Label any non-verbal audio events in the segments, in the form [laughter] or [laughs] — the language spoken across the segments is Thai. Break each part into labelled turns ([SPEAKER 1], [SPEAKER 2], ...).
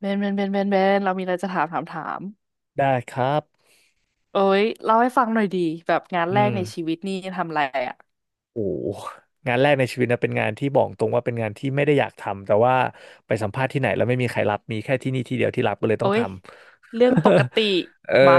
[SPEAKER 1] เบนเบนเบนเบนเบนเรามีอะไรจะถาม
[SPEAKER 2] ได้ครับ
[SPEAKER 1] โอ้ยเล่าให้ฟังหน่อยดีแบบงาน
[SPEAKER 2] อื
[SPEAKER 1] แรกในชี
[SPEAKER 2] ม
[SPEAKER 1] วิตนี่ทำอะไรอ่ะ
[SPEAKER 2] โอ้งานแรกในชีวิตนะเป็นงานที่บอกตรงว่าเป็นงานที่ไม่ได้อยากทำแต่ว่าไปสัมภาษณ์ที่ไหนแล้วไม่มีใครรับมีแค่ที่นี่ที่เดียวที่รับก็เลยต้อ
[SPEAKER 1] โอ้
[SPEAKER 2] ง
[SPEAKER 1] ย
[SPEAKER 2] ทำ
[SPEAKER 1] เรื่องปกติ
[SPEAKER 2] [laughs] เออ
[SPEAKER 1] มา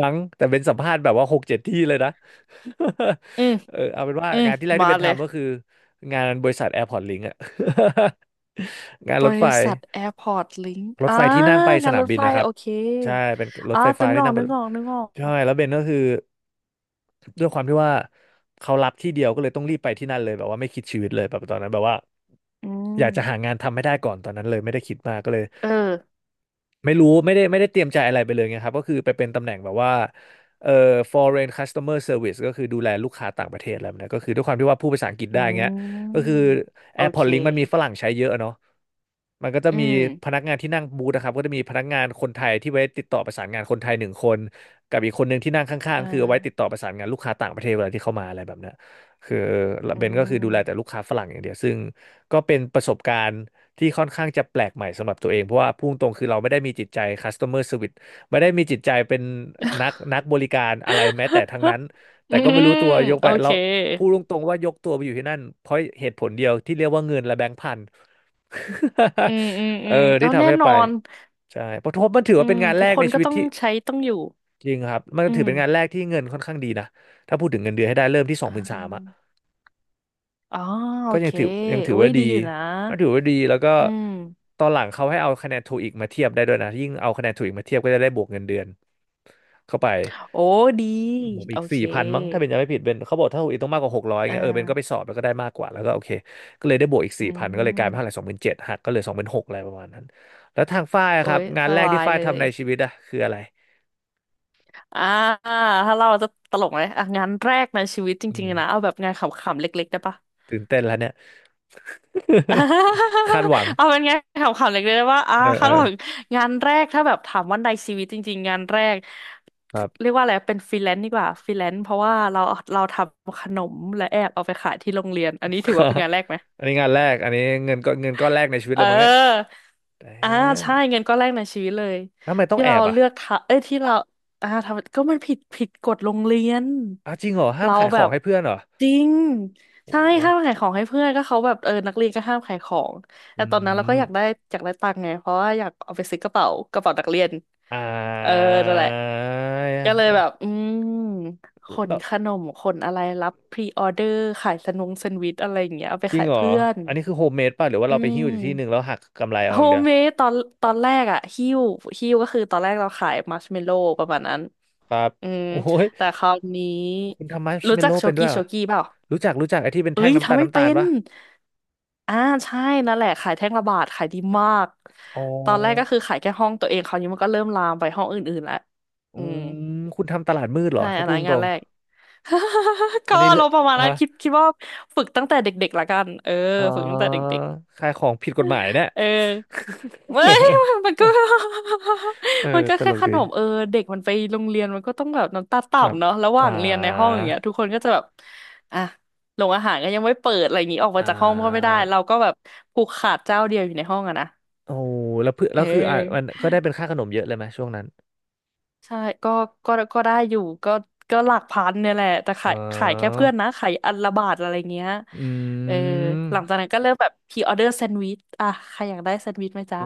[SPEAKER 2] มั้งแต่เป็นสัมภาษณ์แบบว่า6-7 ที่เลยนะ
[SPEAKER 1] อืม
[SPEAKER 2] [laughs] เออเอาเป็นว่า
[SPEAKER 1] อืม
[SPEAKER 2] งานที่แรกที่
[SPEAKER 1] มา
[SPEAKER 2] เป็น
[SPEAKER 1] เลย
[SPEAKER 2] ทำก็คืองานบริษัทแอร์พอร์ตลิงก์อะ [laughs] งาน
[SPEAKER 1] บ
[SPEAKER 2] รถไฟ
[SPEAKER 1] ริษัทแอร์พอร์ตลิงก์
[SPEAKER 2] รถ
[SPEAKER 1] อ่า
[SPEAKER 2] ไฟที่นั่งไปส
[SPEAKER 1] งาน
[SPEAKER 2] นา
[SPEAKER 1] ร
[SPEAKER 2] ม
[SPEAKER 1] ถ
[SPEAKER 2] บิน
[SPEAKER 1] ไฟ
[SPEAKER 2] นะครับ
[SPEAKER 1] โอเค
[SPEAKER 2] ใช่เป็นรถ
[SPEAKER 1] อ่า
[SPEAKER 2] ไฟ
[SPEAKER 1] ตึ
[SPEAKER 2] ฟ้า
[SPEAKER 1] นง
[SPEAKER 2] ที่
[SPEAKER 1] อก
[SPEAKER 2] นั่งไป
[SPEAKER 1] นึกออกนึกออ
[SPEAKER 2] ใช่
[SPEAKER 1] ก
[SPEAKER 2] แล้วเบนก็คือ ด้วยความที่ว่าเขารับที่เดียวก็เลยต้องรีบไปที่นั่นเลยแบบว่าไม่คิดชีวิตเลยแบบตอนนั้นแบบว่า
[SPEAKER 1] อื
[SPEAKER 2] อ
[SPEAKER 1] ม
[SPEAKER 2] ยากจะหางานทำให้ได้ก่อนตอนนั้นเลยไม่ได้คิดมากก็เลย
[SPEAKER 1] เออ
[SPEAKER 2] ไม่รู้ไม่ได้เตรียมใจอะไรไปเลยไงครับก็คือไปเป็นตำแหน่งแบบว่าเอ่อ foreign customer service ก็คือดูแลลูกค้าต่างประเทศอะไรแบบเนี้ยก็คือด้วยความที่ว่าพูดภาษาอังกฤษ
[SPEAKER 1] อื
[SPEAKER 2] ได้เงี้ยก็คือ
[SPEAKER 1] มโอเค
[SPEAKER 2] AirPods Link มันมีฝรั่งใช้เยอะเนาะมันก็จะ
[SPEAKER 1] อื
[SPEAKER 2] มี
[SPEAKER 1] ม
[SPEAKER 2] พนักงานที่นั่งบูธนะครับก็จะมีพนักงานคนไทยที่ไว้ติดต่อประสานงานคนไทยหนึ่งคนกับอีกคนหนึ่งที่นั่งข้าง
[SPEAKER 1] เออ
[SPEAKER 2] ๆคือเอาไว้ติดต่อประสานงานลูกค้าต่างประเทศเวลาที่เข้ามาอะไรแบบเนี้ยคือ
[SPEAKER 1] อื
[SPEAKER 2] เบนก็คือดู
[SPEAKER 1] ม
[SPEAKER 2] แลแต่ลูกค้าฝรั่งอย่างเดียวซึ่งก็เป็นประสบการณ์ ที่ค่อนข้างจะแปลกใหม่สำหรับตัวเองเพราะว่าพุ่งตรงคือเราไม่ได้มีจิตใจ customer service ไม่ได้มีจิตใจเป็นนักบริการอะไรแม้แต่ทั้งนั้น
[SPEAKER 1] [laughs]
[SPEAKER 2] แต่
[SPEAKER 1] อื
[SPEAKER 2] ก็ไม่รู้
[SPEAKER 1] ม
[SPEAKER 2] ตัวยกไป
[SPEAKER 1] โอเค
[SPEAKER 2] แล้วพูดตรงๆว่ายกตัวไปอยู่ที่นั่นเพราะเหตุผลเดียวที่เรียกว่าเงินและแบงค์พัน
[SPEAKER 1] อืมอืม
[SPEAKER 2] [laughs] เอ
[SPEAKER 1] อื
[SPEAKER 2] อ
[SPEAKER 1] ม
[SPEAKER 2] ที่
[SPEAKER 1] เอาแน่
[SPEAKER 2] ทำให้
[SPEAKER 1] น
[SPEAKER 2] ไป
[SPEAKER 1] อน
[SPEAKER 2] ใช่เพราะทบมันถือ
[SPEAKER 1] อื
[SPEAKER 2] ว่าเป็
[SPEAKER 1] ม
[SPEAKER 2] นงานแร
[SPEAKER 1] ทุก
[SPEAKER 2] ก
[SPEAKER 1] ค
[SPEAKER 2] ใน
[SPEAKER 1] น
[SPEAKER 2] ชี
[SPEAKER 1] ก็
[SPEAKER 2] วิต
[SPEAKER 1] ต้อง
[SPEAKER 2] ที่
[SPEAKER 1] ใช้ต้องอยู่
[SPEAKER 2] จริงครับมัน
[SPEAKER 1] อื
[SPEAKER 2] ถือ
[SPEAKER 1] ม
[SPEAKER 2] เป็นงานแรกที่เงินค่อนข้างดีนะถ้าพูดถึงเงินเดือนให้ได้เริ่มที่สอ
[SPEAKER 1] อ่
[SPEAKER 2] งหมื่นสาม
[SPEAKER 1] าอ๋อโอ
[SPEAKER 2] ก็ยั
[SPEAKER 1] เค
[SPEAKER 2] งถือยังถือ
[SPEAKER 1] อุ้
[SPEAKER 2] ว่า
[SPEAKER 1] ย
[SPEAKER 2] ดี
[SPEAKER 1] ดีอยู่นะ
[SPEAKER 2] ก็ถือว่าดีแล้วก็
[SPEAKER 1] อืม
[SPEAKER 2] ตอนหลังเขาให้เอาคะแนนโทอีกมาเทียบได้ด้วยนะยิ่งเอาคะแนนโทอีกมาเทียบก็จะได้บวกเงินเดือนเข้าไป
[SPEAKER 1] โอ้ดี
[SPEAKER 2] บวก
[SPEAKER 1] โอ
[SPEAKER 2] อีก
[SPEAKER 1] เค
[SPEAKER 2] สี่พันมั้งถ้าเป็นจำไม่ผิดเป็นเขาบอกถ้าโทอีกต้องมากกว่า600
[SPEAKER 1] อ่า
[SPEAKER 2] เงี้ยเออเบนก็ไปสอบแล้วก็ได้มากกว่าแล้วก็โอเคก็เลยได้บวกอีก
[SPEAKER 1] อื
[SPEAKER 2] สี่พันก็เลยกลายเป็นเท่าไหร่
[SPEAKER 1] ม
[SPEAKER 2] 27,000หักก็เหลือ26,000อะไรประมาณนั้นแล้วทางฝ้ายอะ
[SPEAKER 1] โอ้
[SPEAKER 2] ครับ
[SPEAKER 1] ย
[SPEAKER 2] งา
[SPEAKER 1] ส
[SPEAKER 2] นแรก
[SPEAKER 1] บา
[SPEAKER 2] ที่
[SPEAKER 1] ย
[SPEAKER 2] ฝ้าย
[SPEAKER 1] เล
[SPEAKER 2] ทำ
[SPEAKER 1] ย
[SPEAKER 2] ในชีวิตอะคืออะไร
[SPEAKER 1] อ่าถ้าเราจะตลกไหมอ่ะงานแรกในชีวิตจ
[SPEAKER 2] อื
[SPEAKER 1] ริงๆนะเอา
[SPEAKER 2] ม
[SPEAKER 1] แบบงานขำๆเล็กๆได้ปะ
[SPEAKER 2] ตื่นเต้นแล้วเนี่ย
[SPEAKER 1] [laughs] อ่า
[SPEAKER 2] [laughs] คาดหวัง
[SPEAKER 1] เอาเป็นไงขำๆเล็กๆว่าอ่า
[SPEAKER 2] เออเอ
[SPEAKER 1] คา
[SPEAKER 2] อ
[SPEAKER 1] ดหวังงานแรกถ้าแบบถามว่าในชีวิตจริงๆงานแรก
[SPEAKER 2] ครับ
[SPEAKER 1] เรียกว่าอะไรเป็นฟรีแลนซ์ดีกว่าฟรีแลนซ์เพราะว่าเราทำขนมและแอบเอาไปขายที่โรงเรียนอันนี้ถือว่าเป็นงา
[SPEAKER 2] [laughs]
[SPEAKER 1] นแรกไหม
[SPEAKER 2] อันนี้งานแรกอันนี้เงินก็เงินก้อนแรกในชีวิต
[SPEAKER 1] เอ
[SPEAKER 2] เลยมั้งเนี่ย
[SPEAKER 1] อ
[SPEAKER 2] แต่
[SPEAKER 1] อ่าใช่เงินก้อนแรกในชีวิตเลย
[SPEAKER 2] ทำไมต้อง
[SPEAKER 1] ที่
[SPEAKER 2] แอ
[SPEAKER 1] เรา
[SPEAKER 2] บอ่ะ
[SPEAKER 1] เลือกทำเอ้ยที่เราอ่าทำก็มันผิดกฎโรงเรียน
[SPEAKER 2] อ้าวจริงเหรอห้าม
[SPEAKER 1] เรา
[SPEAKER 2] ขายข
[SPEAKER 1] แบ
[SPEAKER 2] อง
[SPEAKER 1] บ
[SPEAKER 2] ให้เพื่อนเหรอ
[SPEAKER 1] จริง
[SPEAKER 2] โอ้
[SPEAKER 1] ใช่
[SPEAKER 2] โห
[SPEAKER 1] ห้ามขายของให้เพื่อนก็เขาแบบเออนักเรียนก็ห้ามขายของ
[SPEAKER 2] อื
[SPEAKER 1] แต่ตอนนั้นเราก็
[SPEAKER 2] ม
[SPEAKER 1] อยากได้อยากได้ตังค์ไงเพราะว่าอยากเอาไปซื้อกระเป๋ากระเป๋านักเรียน
[SPEAKER 2] อ่
[SPEAKER 1] เออ
[SPEAKER 2] า
[SPEAKER 1] นั่นแหละก็เลยแบบอืมขน
[SPEAKER 2] แล้ว
[SPEAKER 1] ขนมขนอะไรรับพรีออเดอร์ขายสนุงแซนด์วิชอะไรอย่างเงี้ยเอาไป
[SPEAKER 2] จริง
[SPEAKER 1] ขาย
[SPEAKER 2] เหรอ
[SPEAKER 1] เพื่อน
[SPEAKER 2] อันนี้คือโฮมเมดป่ะหรือว่า
[SPEAKER 1] อื
[SPEAKER 2] เราไปหิ้วจากที่หนึ่ง
[SPEAKER 1] ม
[SPEAKER 2] แล้วหักกำไรเอา
[SPEAKER 1] โฮ
[SPEAKER 2] อย่าง
[SPEAKER 1] ม
[SPEAKER 2] เดียว
[SPEAKER 1] เมดตอนแรกอะฮิ้วฮิ้วก็คือตอนแรกเราขายมัชเมลโล่ประมาณนั้น
[SPEAKER 2] ครับ
[SPEAKER 1] อืม
[SPEAKER 2] โอ้ย
[SPEAKER 1] แต่คราวนี้
[SPEAKER 2] คุณทำมาร์ช
[SPEAKER 1] รู้
[SPEAKER 2] เมล
[SPEAKER 1] จัก
[SPEAKER 2] โล่
[SPEAKER 1] โช
[SPEAKER 2] เป็นด้ว
[SPEAKER 1] กี้
[SPEAKER 2] ยเหร
[SPEAKER 1] โช
[SPEAKER 2] อ
[SPEAKER 1] กี้เปล่า
[SPEAKER 2] รู้จักรู้จักไอ้ที่เป็น
[SPEAKER 1] เอ้
[SPEAKER 2] แท่ง
[SPEAKER 1] ย
[SPEAKER 2] น้ำตา
[SPEAKER 1] ทำ
[SPEAKER 2] ล
[SPEAKER 1] ไม่
[SPEAKER 2] น้ำตา
[SPEAKER 1] เป็
[SPEAKER 2] ล
[SPEAKER 1] น
[SPEAKER 2] ปะ
[SPEAKER 1] อ่าใช่นั่นแหละขายแท่งละบาทขายดีมาก
[SPEAKER 2] อ๋อ
[SPEAKER 1] ตอนแรกก็คือขายแค่ห้องตัวเองคราวนี้มันก็เริ่มลามไปห้องอื่นๆแล้ว
[SPEAKER 2] อื
[SPEAKER 1] อืม
[SPEAKER 2] มคุณทำตลาดมืดเหรอ
[SPEAKER 1] ใช่
[SPEAKER 2] ถ้า
[SPEAKER 1] อัน
[SPEAKER 2] พูด
[SPEAKER 1] นั้น
[SPEAKER 2] ต
[SPEAKER 1] งา
[SPEAKER 2] ร
[SPEAKER 1] น
[SPEAKER 2] ง
[SPEAKER 1] แรก [laughs]
[SPEAKER 2] ๆอั
[SPEAKER 1] ก็
[SPEAKER 2] นนี้
[SPEAKER 1] อา
[SPEAKER 2] เล
[SPEAKER 1] รมณ์ประมาณนั้
[SPEAKER 2] ฮะ
[SPEAKER 1] นคิดว่าฝึกตั้งแต่เด็กๆละกันเออ
[SPEAKER 2] อ๋อ
[SPEAKER 1] ฝึกตั้งแต่เด็ก
[SPEAKER 2] ขายของผิดกฎหมายเนี่ย
[SPEAKER 1] เออ [laughs] ไมมันก็
[SPEAKER 2] [laughs] เออ
[SPEAKER 1] [laughs] มันก็
[SPEAKER 2] ต
[SPEAKER 1] แค่
[SPEAKER 2] ลก
[SPEAKER 1] ข
[SPEAKER 2] ดี
[SPEAKER 1] นมเออเด็กมันไปโรงเรียนมันก็ต้องแบบน้ำตา
[SPEAKER 2] ครับ
[SPEAKER 1] ต่ำเนาะระห
[SPEAKER 2] อ่
[SPEAKER 1] ว่างเรียนในห้องอ
[SPEAKER 2] า
[SPEAKER 1] ย่างเงี้ยทุกคนก็จะแบบอ่ะโรงอาหารก็ยังไม่เปิดอะไรอย่างงี้ออก
[SPEAKER 2] อ่
[SPEAKER 1] มาจากห้องก็ไม่ได้
[SPEAKER 2] า
[SPEAKER 1] เราก็แบบผูกขาดเจ้าเดียวอยู่ในห้องอะนะ
[SPEAKER 2] โอ้แล้วเพื่อ
[SPEAKER 1] เอ
[SPEAKER 2] แล้วคืออ่ะมัน
[SPEAKER 1] อ
[SPEAKER 2] ก็ได้เป็นค่าขนมเยอะเลยไหมช่วงนั้น
[SPEAKER 1] ใช่ก็ก็ได้อยู่ก็ก็หลักพันเนี่ยแหละแต่
[SPEAKER 2] อ๋
[SPEAKER 1] ขา
[SPEAKER 2] อ
[SPEAKER 1] ยขายแค่เพื่อนนะขายอันละบาทอะไรเงี้ย
[SPEAKER 2] อื
[SPEAKER 1] เออหลังจาก
[SPEAKER 2] ม
[SPEAKER 1] นั้นก็เริ่มแบบพรีออเดอร์แซนด์วิชอ่ะใครอยากได้แซนด์วิชไหมจ๊ะ
[SPEAKER 2] โอ้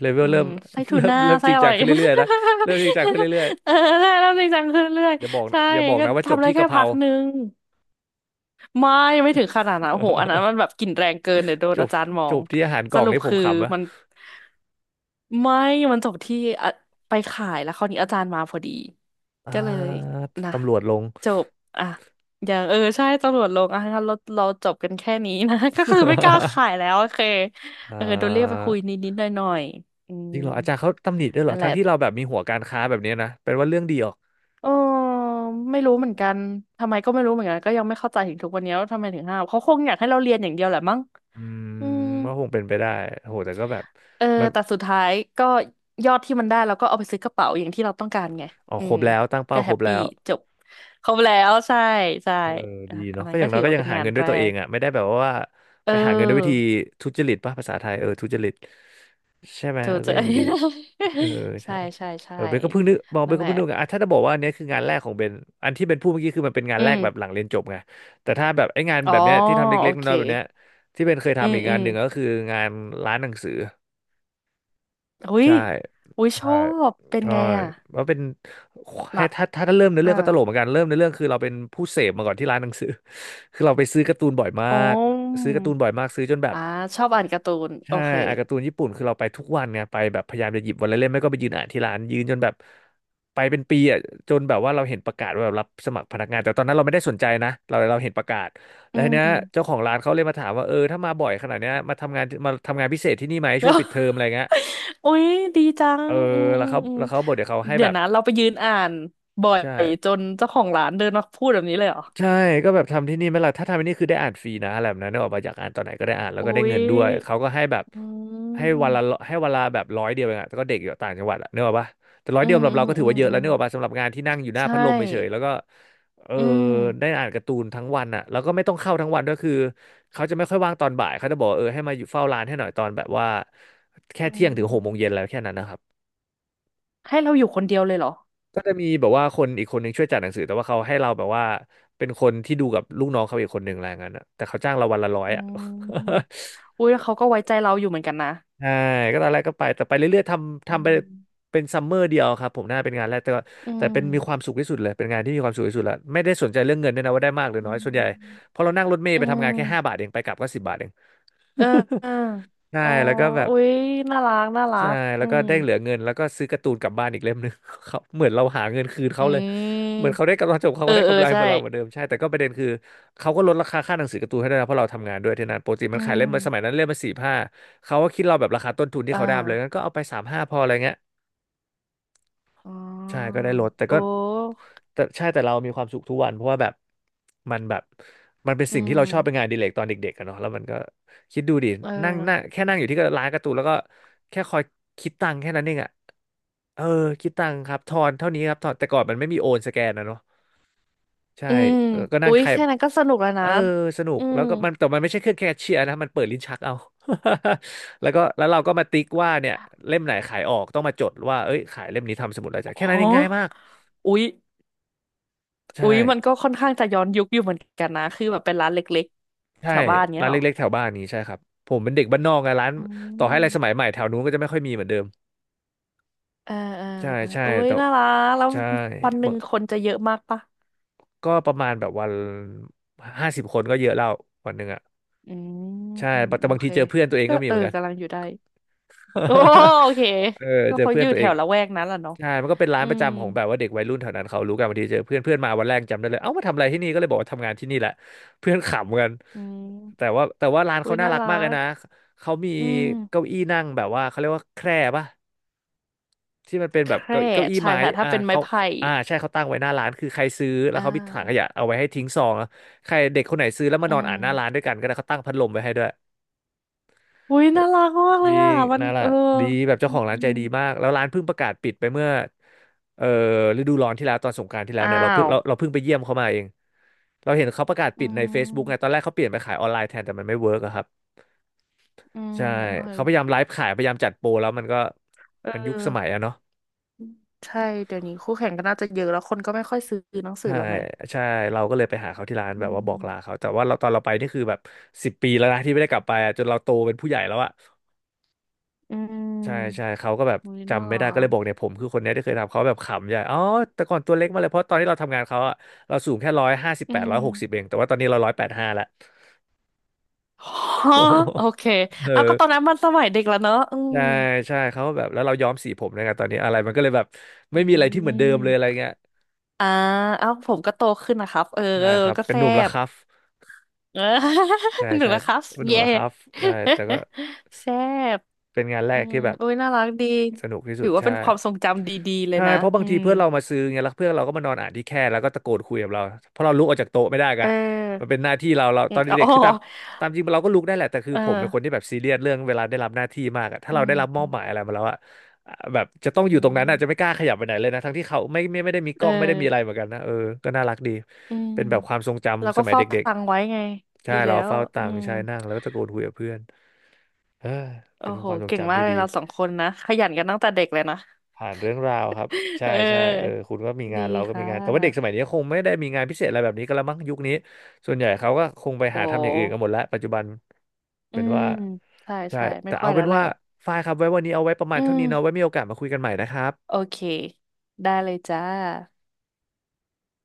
[SPEAKER 2] เลเวล
[SPEAKER 1] อื
[SPEAKER 2] เริ่
[SPEAKER 1] ม
[SPEAKER 2] ม
[SPEAKER 1] ไส้
[SPEAKER 2] [laughs]
[SPEAKER 1] ทู
[SPEAKER 2] เริ่ม
[SPEAKER 1] น่า
[SPEAKER 2] เริ่มจ
[SPEAKER 1] ไส้
[SPEAKER 2] ริง
[SPEAKER 1] อะ
[SPEAKER 2] จั
[SPEAKER 1] ไร
[SPEAKER 2] งขึ้นเรื่อยๆนะเริ่มจริงจังขึ้น
[SPEAKER 1] [laughs]
[SPEAKER 2] เรื่อย
[SPEAKER 1] เออได้แล้วจริงจังขึ้นเรื่อย
[SPEAKER 2] ๆอย่าบอก
[SPEAKER 1] ใช่
[SPEAKER 2] นะอย่าบอก
[SPEAKER 1] ก็
[SPEAKER 2] นะว่าจบ
[SPEAKER 1] ทำได้
[SPEAKER 2] ที่
[SPEAKER 1] แค่
[SPEAKER 2] กะเพ
[SPEAKER 1] พั
[SPEAKER 2] รา
[SPEAKER 1] กหนึ่งไม่ไม่ถึงขนาดนั้นโอ้โหอันนั้นมันแบ
[SPEAKER 2] [laughs]
[SPEAKER 1] บกลิ่นแรงเกินเดี๋ยวโดน
[SPEAKER 2] จบ
[SPEAKER 1] อาจารย์มอ
[SPEAKER 2] จ
[SPEAKER 1] ง
[SPEAKER 2] บที่อาหารก
[SPEAKER 1] ส
[SPEAKER 2] ล่อง
[SPEAKER 1] รุป
[SPEAKER 2] นี่ผม
[SPEAKER 1] คือ
[SPEAKER 2] ขำอะ
[SPEAKER 1] มัน ไม่มันจบที่อ่ะไปขายแล้วคราวนี้อาจารย์มาพอดี
[SPEAKER 2] อ่
[SPEAKER 1] ก็เลย
[SPEAKER 2] า
[SPEAKER 1] นะ
[SPEAKER 2] ตำรวจลง
[SPEAKER 1] จบอ่ะอย่างเออใช่ตำรวจลงอ่ะงั้นเราจบกันแค่นี้นะ [laughs] ก็คือไม่กล้า
[SPEAKER 2] [laughs]
[SPEAKER 1] ขายแล้วโอเค
[SPEAKER 2] อ่
[SPEAKER 1] เออโดนเรียกไปคุยนิ
[SPEAKER 2] า
[SPEAKER 1] ดนิดหน่อยๆอืม
[SPEAKER 2] จริงเหรออาจารย์เขาตำหนิด้วยเหรอ
[SPEAKER 1] นั่นแห
[SPEAKER 2] ทั้
[SPEAKER 1] ละ
[SPEAKER 2] งที่เราแบบมีหัวการค้าแบบเนี้ยนะเป็นว่าเรื่องดีออก
[SPEAKER 1] เออไม่รู้เหมือนกันทำไมก็ไม่รู้เหมือนกันก็ยังไม่เข้าใจถึงทุกวันนี้ว่าทำไมถึงห้ามเขาคงอยากให้เราเรียนอย่างเดียวแหละมั้ง
[SPEAKER 2] อืม
[SPEAKER 1] อืม
[SPEAKER 2] ก็คงเป็นไปได้โหแต่ก็แบบ
[SPEAKER 1] เออ
[SPEAKER 2] มัน
[SPEAKER 1] แต่สุดท้ายก็ยอดที่มันได้เราก็เอาไปซื้อกระเป๋าอย่างที่เราต้องการไง
[SPEAKER 2] ออก
[SPEAKER 1] อื
[SPEAKER 2] คร
[SPEAKER 1] ม
[SPEAKER 2] บแล้วตั้งเป้า
[SPEAKER 1] ก็
[SPEAKER 2] ค
[SPEAKER 1] แฮ
[SPEAKER 2] รบ
[SPEAKER 1] ป
[SPEAKER 2] แล้
[SPEAKER 1] ปี้
[SPEAKER 2] ว
[SPEAKER 1] จบครบแล้วใช่ใช่
[SPEAKER 2] เออ
[SPEAKER 1] อ่ะ
[SPEAKER 2] ดี
[SPEAKER 1] อั
[SPEAKER 2] เนาะ
[SPEAKER 1] น
[SPEAKER 2] ก็
[SPEAKER 1] นั้น
[SPEAKER 2] อย่า
[SPEAKER 1] ก็
[SPEAKER 2] งน้อ
[SPEAKER 1] ถื
[SPEAKER 2] ย
[SPEAKER 1] อ
[SPEAKER 2] ก็
[SPEAKER 1] ว่า
[SPEAKER 2] ยัง
[SPEAKER 1] เป็น
[SPEAKER 2] หา
[SPEAKER 1] งาน
[SPEAKER 2] เงินด้ว
[SPEAKER 1] แร
[SPEAKER 2] ยตัวเอง
[SPEAKER 1] ก
[SPEAKER 2] อ่ะไม่ได้แบบว่า
[SPEAKER 1] เ
[SPEAKER 2] ไปหาเงินด้วยวิธี
[SPEAKER 1] ออ
[SPEAKER 2] ทุจริตป่ะภาษาไทยเออทุจริตใช่ไหม
[SPEAKER 1] เธอ
[SPEAKER 2] เออ
[SPEAKER 1] เจ
[SPEAKER 2] ก็
[SPEAKER 1] อ
[SPEAKER 2] ยังดีเออ
[SPEAKER 1] [laughs] ใช่
[SPEAKER 2] ใช่
[SPEAKER 1] ใช่ใช่
[SPEAKER 2] เออเบนก็เพิ่งนึกมองเบ
[SPEAKER 1] นั่น
[SPEAKER 2] น
[SPEAKER 1] แห
[SPEAKER 2] ก็
[SPEAKER 1] ละ
[SPEAKER 2] เพิ่งนึกอ่ะถ้าจะบอกว่าอันเนี้ยคืองานแรกของเบนอันที่เบนพูดเมื่อกี้คือมันเป็นงาน
[SPEAKER 1] อื
[SPEAKER 2] แรก
[SPEAKER 1] ม
[SPEAKER 2] แบบหลังเรียนจบไงแต่ถ้าแบบไอ้งาน
[SPEAKER 1] อ๋อ
[SPEAKER 2] แบบเนี้ยที่ทำ
[SPEAKER 1] โอ
[SPEAKER 2] เล็กๆ
[SPEAKER 1] เค
[SPEAKER 2] น้อยๆแบบเนี้ยที่เบนเคย
[SPEAKER 1] อื
[SPEAKER 2] ทำ
[SPEAKER 1] ม
[SPEAKER 2] อีก
[SPEAKER 1] อื
[SPEAKER 2] งาน
[SPEAKER 1] ม
[SPEAKER 2] หนึ่งก็คืองานร้านหนังสือ
[SPEAKER 1] อุ้ย
[SPEAKER 2] ใช่
[SPEAKER 1] อุ้ยช
[SPEAKER 2] ใช่
[SPEAKER 1] อบเป็น
[SPEAKER 2] ใช่
[SPEAKER 1] ไงอ่ะ
[SPEAKER 2] ว่าเป็นให้
[SPEAKER 1] ละ
[SPEAKER 2] ถ้าเริ่มในอเรื่
[SPEAKER 1] อ่ะ
[SPEAKER 2] องก็ตลกเหมือนกันเริ่มในอเรื่องคือเราเป็นผู้เสพมาก่อนที่ร้านหนังสือ [laughs] คือเราไปซื้อการ์ตูนบ่อยมา
[SPEAKER 1] โอ้
[SPEAKER 2] ก
[SPEAKER 1] ม
[SPEAKER 2] ซื้อการ์ตูนบ่อยมากซื้อจนแบบ
[SPEAKER 1] อ่าชอบอ่านการ์ตูน โอ
[SPEAKER 2] ใช่
[SPEAKER 1] เค
[SPEAKER 2] อ่านการ์ตูนญี่ปุ่นคือเราไปทุกวันไงไปแบบพยายามจะหยิบวันละเล่มไม่ก็ไปยืนอ่านที่ร้านยืนจนแบบไปเป็นปีอ่ะจนแบบว่าเราเห็นประกาศว่าแบบรับสมัครพนักงานแต่ตอนนั้นเราไม่ได้สนใจนะเราเห็นประกาศแล้
[SPEAKER 1] อื
[SPEAKER 2] วทีเนี้ย
[SPEAKER 1] ม
[SPEAKER 2] เจ้าของร้านเขาเลยมาถามว่าเออถ้ามาบ่อยขนาดเนี้ยมาทำงานพิเศษที่นี่ไหมช่วงปิดเท
[SPEAKER 1] [laughs]
[SPEAKER 2] อมอะไรเงี้ย
[SPEAKER 1] โอ้ยดีจั
[SPEAKER 2] เอ
[SPEAKER 1] ง
[SPEAKER 2] อ
[SPEAKER 1] อืม
[SPEAKER 2] แล้
[SPEAKER 1] อื
[SPEAKER 2] ว
[SPEAKER 1] ม
[SPEAKER 2] เขา
[SPEAKER 1] อืม
[SPEAKER 2] แล้วเขาบอกเดี๋ยวเขาให้
[SPEAKER 1] เดี๋
[SPEAKER 2] แบ
[SPEAKER 1] ยว
[SPEAKER 2] บ
[SPEAKER 1] นะเราไปยืนอ่านบ่อย
[SPEAKER 2] ใช่
[SPEAKER 1] จนเจ้าของร้านเดินมาพูดแบบนี้เลยเหรอ
[SPEAKER 2] ใช่ก็แบบทำที่นี่ไหม่ล่ะถ้าทำที่นี่คือได้อ่านฟรีนะอะไรแบบนั้นเนกออกมาอยากอ่านตอนไหนก็ได้อ่านแล้ว
[SPEAKER 1] โอ้
[SPEAKER 2] ก็ได้
[SPEAKER 1] ย
[SPEAKER 2] เงินด้วยเขาก็ให้แบบ
[SPEAKER 1] อื
[SPEAKER 2] ให้วันละ
[SPEAKER 1] ม
[SPEAKER 2] แบบร้อยเดียวเองอะแต่ก็เด็กอยู่ต่างจังหวัดอะเนกออกปะแต่ร้อย
[SPEAKER 1] อื
[SPEAKER 2] เดียว
[SPEAKER 1] ม
[SPEAKER 2] สำหรั
[SPEAKER 1] อื
[SPEAKER 2] บ
[SPEAKER 1] ม
[SPEAKER 2] เราก็ถื
[SPEAKER 1] อื
[SPEAKER 2] อ
[SPEAKER 1] ม
[SPEAKER 2] ว่าเยอะ
[SPEAKER 1] อื
[SPEAKER 2] แล้ว
[SPEAKER 1] ม
[SPEAKER 2] เนกออกปะสำหรับงานที่นั่งอยู่หน้า
[SPEAKER 1] ใช
[SPEAKER 2] พัดลมเฉยๆแล้
[SPEAKER 1] ่
[SPEAKER 2] วก็เออ
[SPEAKER 1] อืม
[SPEAKER 2] ได้อ่านการ์ตูนทั้งวันอะแล้วก็ไม่ต้องเข้าทั้งวันด้วยคือเขาจะไม่ค่อยว่างตอนบ่ายเขาจะบอกว่าเออให้มาอยู่เฝ้าร้านให้หน่อยตอนแบบว่าแค่
[SPEAKER 1] อื
[SPEAKER 2] เที่ยงถึงหกโมงเย็น
[SPEAKER 1] ม
[SPEAKER 2] แล้วแค่นั้นนะครับ
[SPEAKER 1] ให้เราอยู่คนเดียวเลยเหรอ
[SPEAKER 2] ก็จะมีแบบว่าคนอีกคนหนึ่งช่วยจัดหนังสือแต่ว่าเขาให้เราแบบว่าเป็นคนที่ดูกับลูกน้องเขาอีกคนหนึ่งอะไรเงี้ยนะแต่เขาจ้างเราวันละร้อย
[SPEAKER 1] อื
[SPEAKER 2] อ่ะ [laughs]
[SPEAKER 1] มอุ้ยแล้วเขาก็ไว้ใจเราอยู่เหมือนกันนะ
[SPEAKER 2] ใช่ก็ตอนแรกก็ไปแต่ไปเรื่อยๆทำ
[SPEAKER 1] อื
[SPEAKER 2] ทำไป
[SPEAKER 1] ม
[SPEAKER 2] เป็นซัมเมอร์เดียวครับผมน่าเป็นงานแรกแต่ว่า
[SPEAKER 1] อื
[SPEAKER 2] แต่
[SPEAKER 1] ม
[SPEAKER 2] เป็นมีความสุขที่สุดเลยเป็นงานที่มีความสุขที่สุดละไม่ได้สนใจเรื่องเงินด้วยนะว่าได้มากหรือ
[SPEAKER 1] อื
[SPEAKER 2] น้อยส่วนใหญ่
[SPEAKER 1] ม
[SPEAKER 2] เพอเรานั่งรถเมล์
[SPEAKER 1] อื
[SPEAKER 2] ไปทำงานแค่5 บาท
[SPEAKER 1] ม
[SPEAKER 2] เองไปกลับก็10 บาทเอง [laughs]
[SPEAKER 1] เออเออ
[SPEAKER 2] ใช่
[SPEAKER 1] อ๋อ
[SPEAKER 2] แล้วก็แบบ
[SPEAKER 1] อุ้ยน่ารักน่ารั
[SPEAKER 2] ใช่
[SPEAKER 1] ก
[SPEAKER 2] แล้
[SPEAKER 1] อื
[SPEAKER 2] วก็
[SPEAKER 1] ม
[SPEAKER 2] ได้เหลือเงินแล้วก็ซื้อการ์ตูนกลับบ้านอีกเล่มหนึ่ง [laughs] เขาเหมือนเราหาเงินคืน
[SPEAKER 1] อื
[SPEAKER 2] เขาเลย
[SPEAKER 1] ม
[SPEAKER 2] เหมือนเขาได้กำไรจบเขา
[SPEAKER 1] เออ
[SPEAKER 2] ก็ได้
[SPEAKER 1] เออ
[SPEAKER 2] กำไรเห
[SPEAKER 1] ใช่
[SPEAKER 2] มือนเราเหมือนเดิมใช่แต่ก็ประเด็นคือเขาก็ลดราคาค่าหนังสือการ์ตูนให้ด้วยนะเพราะเราทำงานด้วยที่นั่นปกติมั
[SPEAKER 1] อื
[SPEAKER 2] นขายเล่ม
[SPEAKER 1] ม
[SPEAKER 2] มาสมัยนั้นเล่มมาสี่ห้าเขาก็คิดเราแบบราคาต้นทุนที่
[SPEAKER 1] อ่า
[SPEAKER 2] เขาได้มาเลยงั้นก็เอาไปสามห้าพออะไรเงี้ย
[SPEAKER 1] อ๋อ
[SPEAKER 2] ใช่ก็ได้ลดแต่
[SPEAKER 1] โอ
[SPEAKER 2] ก็
[SPEAKER 1] ้
[SPEAKER 2] แต่ใช่แต่เรามีความสุขทุกวันเพราะว่าแบบมันแบบมันเป็น
[SPEAKER 1] อื
[SPEAKER 2] สิ่งที่เราชอบเป็นงา
[SPEAKER 1] ม
[SPEAKER 2] นอดีเลกตอนเด็กๆกันเนาะแล้วมันก็คิดดูดิ
[SPEAKER 1] เออ
[SPEAKER 2] นั่งนั่งแค่นั่งอยู่ที่ร้านการ์ตูนแล้วก็แค่คอยคิดตังค์แค่นั้นเองอ่ะเออคิดตังค์ครับทอนเท่านี้ครับทอนแต่ก่อนมันไม่มีโอนสแกนนะเนาะใช่
[SPEAKER 1] อืม
[SPEAKER 2] ก็นั่
[SPEAKER 1] อุ๊
[SPEAKER 2] ง
[SPEAKER 1] ย
[SPEAKER 2] ใคร
[SPEAKER 1] แค่นั้นก็สนุกแล้ว
[SPEAKER 2] เอ
[SPEAKER 1] นะ
[SPEAKER 2] อสนุก
[SPEAKER 1] อื
[SPEAKER 2] แล้
[SPEAKER 1] ม
[SPEAKER 2] วก็มันแต่มันไม่ใช่เครื่องแคชเชียร์นะมันเปิดลิ้นชักเอา [laughs] แล้วก็แล้วเราก็มาติ๊กว่าเนี่ยเล่มไหนขายออกต้องมาจดว่าเอ้ยขายเล่มนี้ทำสมุดอะไรจ้ะแค่
[SPEAKER 1] ฮ
[SPEAKER 2] นั้
[SPEAKER 1] อ
[SPEAKER 2] นเองง่ายมาก
[SPEAKER 1] อุ๊ย
[SPEAKER 2] ใช่
[SPEAKER 1] อุ๊ยมันก็ค่อนข้างจะย้อนยุคอยู่เหมือนกันนะ คือแบบเป็นร้านเล็กๆ
[SPEAKER 2] ใช่
[SPEAKER 1] แถวบ้านเนี้
[SPEAKER 2] ร้า
[SPEAKER 1] ย
[SPEAKER 2] น
[SPEAKER 1] เหรอ
[SPEAKER 2] เล็กๆแถวบ้านนี้ใช่ครับผมเป็นเด็กบ้านนอกไงร้าน
[SPEAKER 1] อื
[SPEAKER 2] ต่อให้อะไรสมัย
[SPEAKER 1] ม
[SPEAKER 2] ใหม่แถวนู้นก็จะไม่ค่อยมีเหมือนเดิม
[SPEAKER 1] เออเออ
[SPEAKER 2] ใช่ใช่
[SPEAKER 1] โอ้ย
[SPEAKER 2] แต่
[SPEAKER 1] น่ารักแล้ว
[SPEAKER 2] ใช่
[SPEAKER 1] วันห
[SPEAKER 2] บ
[SPEAKER 1] นึ่งคนจะเยอะมากปะ
[SPEAKER 2] ก็ประมาณแบบวัน50 คนก็เยอะแล้ววันหนึ่งอ่ะ
[SPEAKER 1] อืม
[SPEAKER 2] ใช่แต่
[SPEAKER 1] โอ
[SPEAKER 2] บาง
[SPEAKER 1] เค
[SPEAKER 2] ทีเจอเพื่อนตัวเอง
[SPEAKER 1] ก็
[SPEAKER 2] ก็มี
[SPEAKER 1] เอ
[SPEAKER 2] เห
[SPEAKER 1] อ
[SPEAKER 2] มือนกัน
[SPEAKER 1] กำลังอยู่ได้โอ้โอเค
[SPEAKER 2] [laughs] เออ
[SPEAKER 1] ก็
[SPEAKER 2] เจอ
[SPEAKER 1] เขา
[SPEAKER 2] เพื่
[SPEAKER 1] อ
[SPEAKER 2] อน
[SPEAKER 1] ยู่
[SPEAKER 2] ตัว
[SPEAKER 1] แถ
[SPEAKER 2] เอง
[SPEAKER 1] วละแวกนั้นแหละเนาะ
[SPEAKER 2] ใช่มันก็เป็นร้าน
[SPEAKER 1] อื
[SPEAKER 2] ประ
[SPEAKER 1] ม
[SPEAKER 2] จำของแบบว่าเด็กวัยรุ่นแถวนั้นเขารู้กันบางทีเจอเพื่อนเพื่อนมาวันแรกจำได้เลยเอ้ามาทำอะไรที่นี่ก็เลยบอกว่าทำงานที่นี่แหละเพื่อนขำกัน
[SPEAKER 1] อื
[SPEAKER 2] แต่
[SPEAKER 1] ม
[SPEAKER 2] ว่าแต่ว่าร้าน
[SPEAKER 1] อุ้
[SPEAKER 2] เขา
[SPEAKER 1] ย
[SPEAKER 2] น่า
[SPEAKER 1] น่า
[SPEAKER 2] รัก
[SPEAKER 1] รั
[SPEAKER 2] มากเลย
[SPEAKER 1] ก
[SPEAKER 2] นะเขามี
[SPEAKER 1] อื
[SPEAKER 2] เก้า
[SPEAKER 1] ม
[SPEAKER 2] อี้นั่งแบบว่าเขาเรียกว่าแคร่ปะที่มันเป็น
[SPEAKER 1] แค
[SPEAKER 2] แบบ
[SPEAKER 1] ร่
[SPEAKER 2] เก้าอี้
[SPEAKER 1] ใช่
[SPEAKER 2] ไม้
[SPEAKER 1] ค่ะถ้า
[SPEAKER 2] อ่า
[SPEAKER 1] เป็นไม้
[SPEAKER 2] เขา
[SPEAKER 1] ไผ่
[SPEAKER 2] อ่าใช่เขาตั้งไว้หน้าร้านคือใครซื้อแล้
[SPEAKER 1] อ่
[SPEAKER 2] วเขามีถังข
[SPEAKER 1] า
[SPEAKER 2] ยะเอาไว้ให้ทิ้งซองอะใครเด็กคนไหนซื้อแล้วมา
[SPEAKER 1] อื
[SPEAKER 2] นอนอ่านหน้าร้าน
[SPEAKER 1] ม
[SPEAKER 2] ด้วยกันก็ได้เขาตั้งพัดลมไว้ให้ด้วย
[SPEAKER 1] อุ้ยน่ารักมาก
[SPEAKER 2] จ
[SPEAKER 1] เลย
[SPEAKER 2] ริ
[SPEAKER 1] อ่ะ
[SPEAKER 2] ง
[SPEAKER 1] มัน
[SPEAKER 2] นั่นแหละ
[SPEAKER 1] เออ
[SPEAKER 2] ดีแบบเจ้า
[SPEAKER 1] อื
[SPEAKER 2] ข
[SPEAKER 1] ม
[SPEAKER 2] องร้าน
[SPEAKER 1] อื
[SPEAKER 2] ใจ
[SPEAKER 1] ม
[SPEAKER 2] ดีมากแล้วร้านเพิ่งประกาศปิดไปเมื่อเอ่อฤดูร้อนที่แล้วตอนสงกรานต์ที่แล้ว
[SPEAKER 1] อ้า
[SPEAKER 2] เนี่ยเราเพิ่ง
[SPEAKER 1] ว
[SPEAKER 2] เราเราเพิ่งไปเยี่ยมเขามาเองเราเห็นเขาประกาศ
[SPEAKER 1] อื
[SPEAKER 2] ปิดใน Facebook ไงตอ
[SPEAKER 1] ม
[SPEAKER 2] นแรกเขาเปลี่ยนไปขายออนไลน์แทนแต่มันไม่เวิร์กอะครับ
[SPEAKER 1] อืม
[SPEAKER 2] ใช่
[SPEAKER 1] โอเค
[SPEAKER 2] เขาพยายามไลฟ์ขายพยายามจัดโปรแล้วมันก็
[SPEAKER 1] เอ
[SPEAKER 2] มันยุ
[SPEAKER 1] อ
[SPEAKER 2] คสมัยอะเนาะ
[SPEAKER 1] ใช่เดี๋ยวนี้คู่แข่งก็น่าจะเยอะแล้วคนก็ไม่ค่อยซื้อหนังสือ
[SPEAKER 2] ใช่
[SPEAKER 1] แล้วไหม
[SPEAKER 2] ใช่เราก็เลยไปหาเขาที่ร้าน
[SPEAKER 1] อื
[SPEAKER 2] แบบว่าบอกลา
[SPEAKER 1] ม
[SPEAKER 2] เขาแต่ว่าเราตอนเราไปนี่คือแบบ10 ปีแล้วนะที่ไม่ได้กลับไปอะจนเราโตเป็นผู้ใหญ่แล้วอะ
[SPEAKER 1] อืม
[SPEAKER 2] ใช่ใช่เขาก็แบบ
[SPEAKER 1] อุ้ยน่า
[SPEAKER 2] จำไม่
[SPEAKER 1] รั
[SPEAKER 2] ได้ก็เลย
[SPEAKER 1] ก
[SPEAKER 2] บอกเนี่ยผมคือคนเนี้ยที่เคยทำเขาแบบขำใหญ่อ๋อแต่ก่อนตัวเล็กมากเลยเพราะตอนที่เราทำงานเขาอะเราสูงแค่ร้อยห้าสิบ
[SPEAKER 1] อื
[SPEAKER 2] แปด
[SPEAKER 1] ม
[SPEAKER 2] 160เองแต่ว่าตอนนี้เรา185ละ [laughs]
[SPEAKER 1] [laughs]
[SPEAKER 2] โอ้
[SPEAKER 1] ฮะ
[SPEAKER 2] โห
[SPEAKER 1] โอเค
[SPEAKER 2] เออ
[SPEAKER 1] เอาก็ตอนนั้นมันสมัยเด็กแล้วเนอะอืม
[SPEAKER 2] ใช่ใช่เขาแบบแล้วเราย้อมสีผมนะไงตอนนี้อะไรมันก็เลยแบบ
[SPEAKER 1] อื
[SPEAKER 2] ไม่มีอะไรที่เหมือนเดิมเลยอะไร
[SPEAKER 1] ม
[SPEAKER 2] เงี้ย
[SPEAKER 1] อ่าเอ้าผมก็โตขึ้นนะครับเออ
[SPEAKER 2] ใช่
[SPEAKER 1] เออ
[SPEAKER 2] ครับ
[SPEAKER 1] ก็
[SPEAKER 2] เป็น
[SPEAKER 1] แซ่
[SPEAKER 2] หนุ่มแล้ว
[SPEAKER 1] บ
[SPEAKER 2] ค
[SPEAKER 1] [laughs]
[SPEAKER 2] รับ
[SPEAKER 1] เออ
[SPEAKER 2] ใช่
[SPEAKER 1] [laughs] หนู
[SPEAKER 2] ใช่
[SPEAKER 1] นะครับ
[SPEAKER 2] เป็นหนุ่ม
[SPEAKER 1] เย่
[SPEAKER 2] แล้วครับใช่แต่ก็
[SPEAKER 1] [laughs] แซ่บ
[SPEAKER 2] เป็นงานแร
[SPEAKER 1] อื
[SPEAKER 2] ก
[SPEAKER 1] ม
[SPEAKER 2] ที่แบบ
[SPEAKER 1] อุ้ยน่ารักดี
[SPEAKER 2] สนุกที่สุ
[SPEAKER 1] ถื
[SPEAKER 2] ด
[SPEAKER 1] อว่า
[SPEAKER 2] ใช่
[SPEAKER 1] เป็นความทรงจำดีๆเลย
[SPEAKER 2] ใช่
[SPEAKER 1] นะ
[SPEAKER 2] เพราะบา
[SPEAKER 1] อื
[SPEAKER 2] งที
[SPEAKER 1] ม
[SPEAKER 2] เพื่อนเรามาซื้อไงแล้วเพื่อนเราก็มานอนอ่านที่แคร่แล้วก็ตะโกนคุยกับเราเพราะเราลุกออกจากโต๊ะไม่ได้ไง
[SPEAKER 1] เอ
[SPEAKER 2] มันเป็
[SPEAKER 1] อ
[SPEAKER 2] นหน้าที่เรา
[SPEAKER 1] อื
[SPEAKER 2] ตอ
[SPEAKER 1] ม
[SPEAKER 2] น
[SPEAKER 1] อ๋อ
[SPEAKER 2] เด็กๆคือตามจริงเราก็ลุกได้แหละแต่คือ
[SPEAKER 1] เออ
[SPEAKER 2] ผมเป็นคนที่แบบซีเรียสเรื่องเวลาได้รับหน้าที่มากอะถ้า
[SPEAKER 1] อื
[SPEAKER 2] เราได้
[SPEAKER 1] ม
[SPEAKER 2] รับมอบหมายอะไรมาแล้วอะแบบจะต้อง
[SPEAKER 1] อื
[SPEAKER 2] อยู่ตรงนั้นอะจะไม่
[SPEAKER 1] ม
[SPEAKER 2] กล้าขยับไปไหนเลยนะทั้งที่เขาไม่ได้มีก
[SPEAKER 1] เออ
[SPEAKER 2] ล้องไม่ได้มีอะไรเหมือนกันนะเออก็น่ารักดี
[SPEAKER 1] อืม
[SPEAKER 2] เป็นแบบความทรง
[SPEAKER 1] แล้ว
[SPEAKER 2] จำส
[SPEAKER 1] ก็
[SPEAKER 2] มัย
[SPEAKER 1] เฝ้า
[SPEAKER 2] เด็ก
[SPEAKER 1] ตังไว้ไง
[SPEAKER 2] ๆใช่
[SPEAKER 1] ดีแล้
[SPEAKER 2] เรา
[SPEAKER 1] ว
[SPEAKER 2] เฝ้าตั
[SPEAKER 1] อื
[SPEAKER 2] งค์
[SPEAKER 1] ม
[SPEAKER 2] ใช่นั่งแล้วก็ตะโกนคุยกับเพื่อนเออ
[SPEAKER 1] โอ้
[SPEAKER 2] เป็น
[SPEAKER 1] โห
[SPEAKER 2] ความทรง
[SPEAKER 1] เก่ง
[SPEAKER 2] จำ
[SPEAKER 1] มาก
[SPEAKER 2] ที่
[SPEAKER 1] เล
[SPEAKER 2] ดี
[SPEAKER 1] ยเราสองคนนะขยันกันตั้งแต่เด็กเลยนะ
[SPEAKER 2] ผ่านเรื่องราวครับ
[SPEAKER 1] [laughs]
[SPEAKER 2] ใช่
[SPEAKER 1] เ
[SPEAKER 2] ใช่เออ
[SPEAKER 1] ออ
[SPEAKER 2] คุณก็มีงา
[SPEAKER 1] ดี
[SPEAKER 2] นเราก็มี
[SPEAKER 1] ค่
[SPEAKER 2] งานแต่ว่าเด็กส
[SPEAKER 1] ะ
[SPEAKER 2] มัยนี้คงไม่ได้มีงานพิเศษอะไรแบบนี้ก็และมั้งยุคนี้ส่วนใหญ่เขาก็คงไป
[SPEAKER 1] โอ
[SPEAKER 2] หาทำอย่างอื่นกันหม
[SPEAKER 1] ้
[SPEAKER 2] ดแล้วปัจจุบัน
[SPEAKER 1] อื
[SPEAKER 2] เป็น
[SPEAKER 1] ม
[SPEAKER 2] ว่า
[SPEAKER 1] ใช่
[SPEAKER 2] ใช่
[SPEAKER 1] ใช่ไม่
[SPEAKER 2] แต่
[SPEAKER 1] ค่อ
[SPEAKER 2] เอา
[SPEAKER 1] ยแล้
[SPEAKER 2] เป็น
[SPEAKER 1] วแหละ
[SPEAKER 2] ว่าฝ้ายครับไว้วันนี้เอาไว้ประมาณ
[SPEAKER 1] อื
[SPEAKER 2] เท่า
[SPEAKER 1] ม
[SPEAKER 2] นี้เนาะไว้มีโอกาสมาคุยกันใหม่นะครับ
[SPEAKER 1] โอเคได้เลยจ้า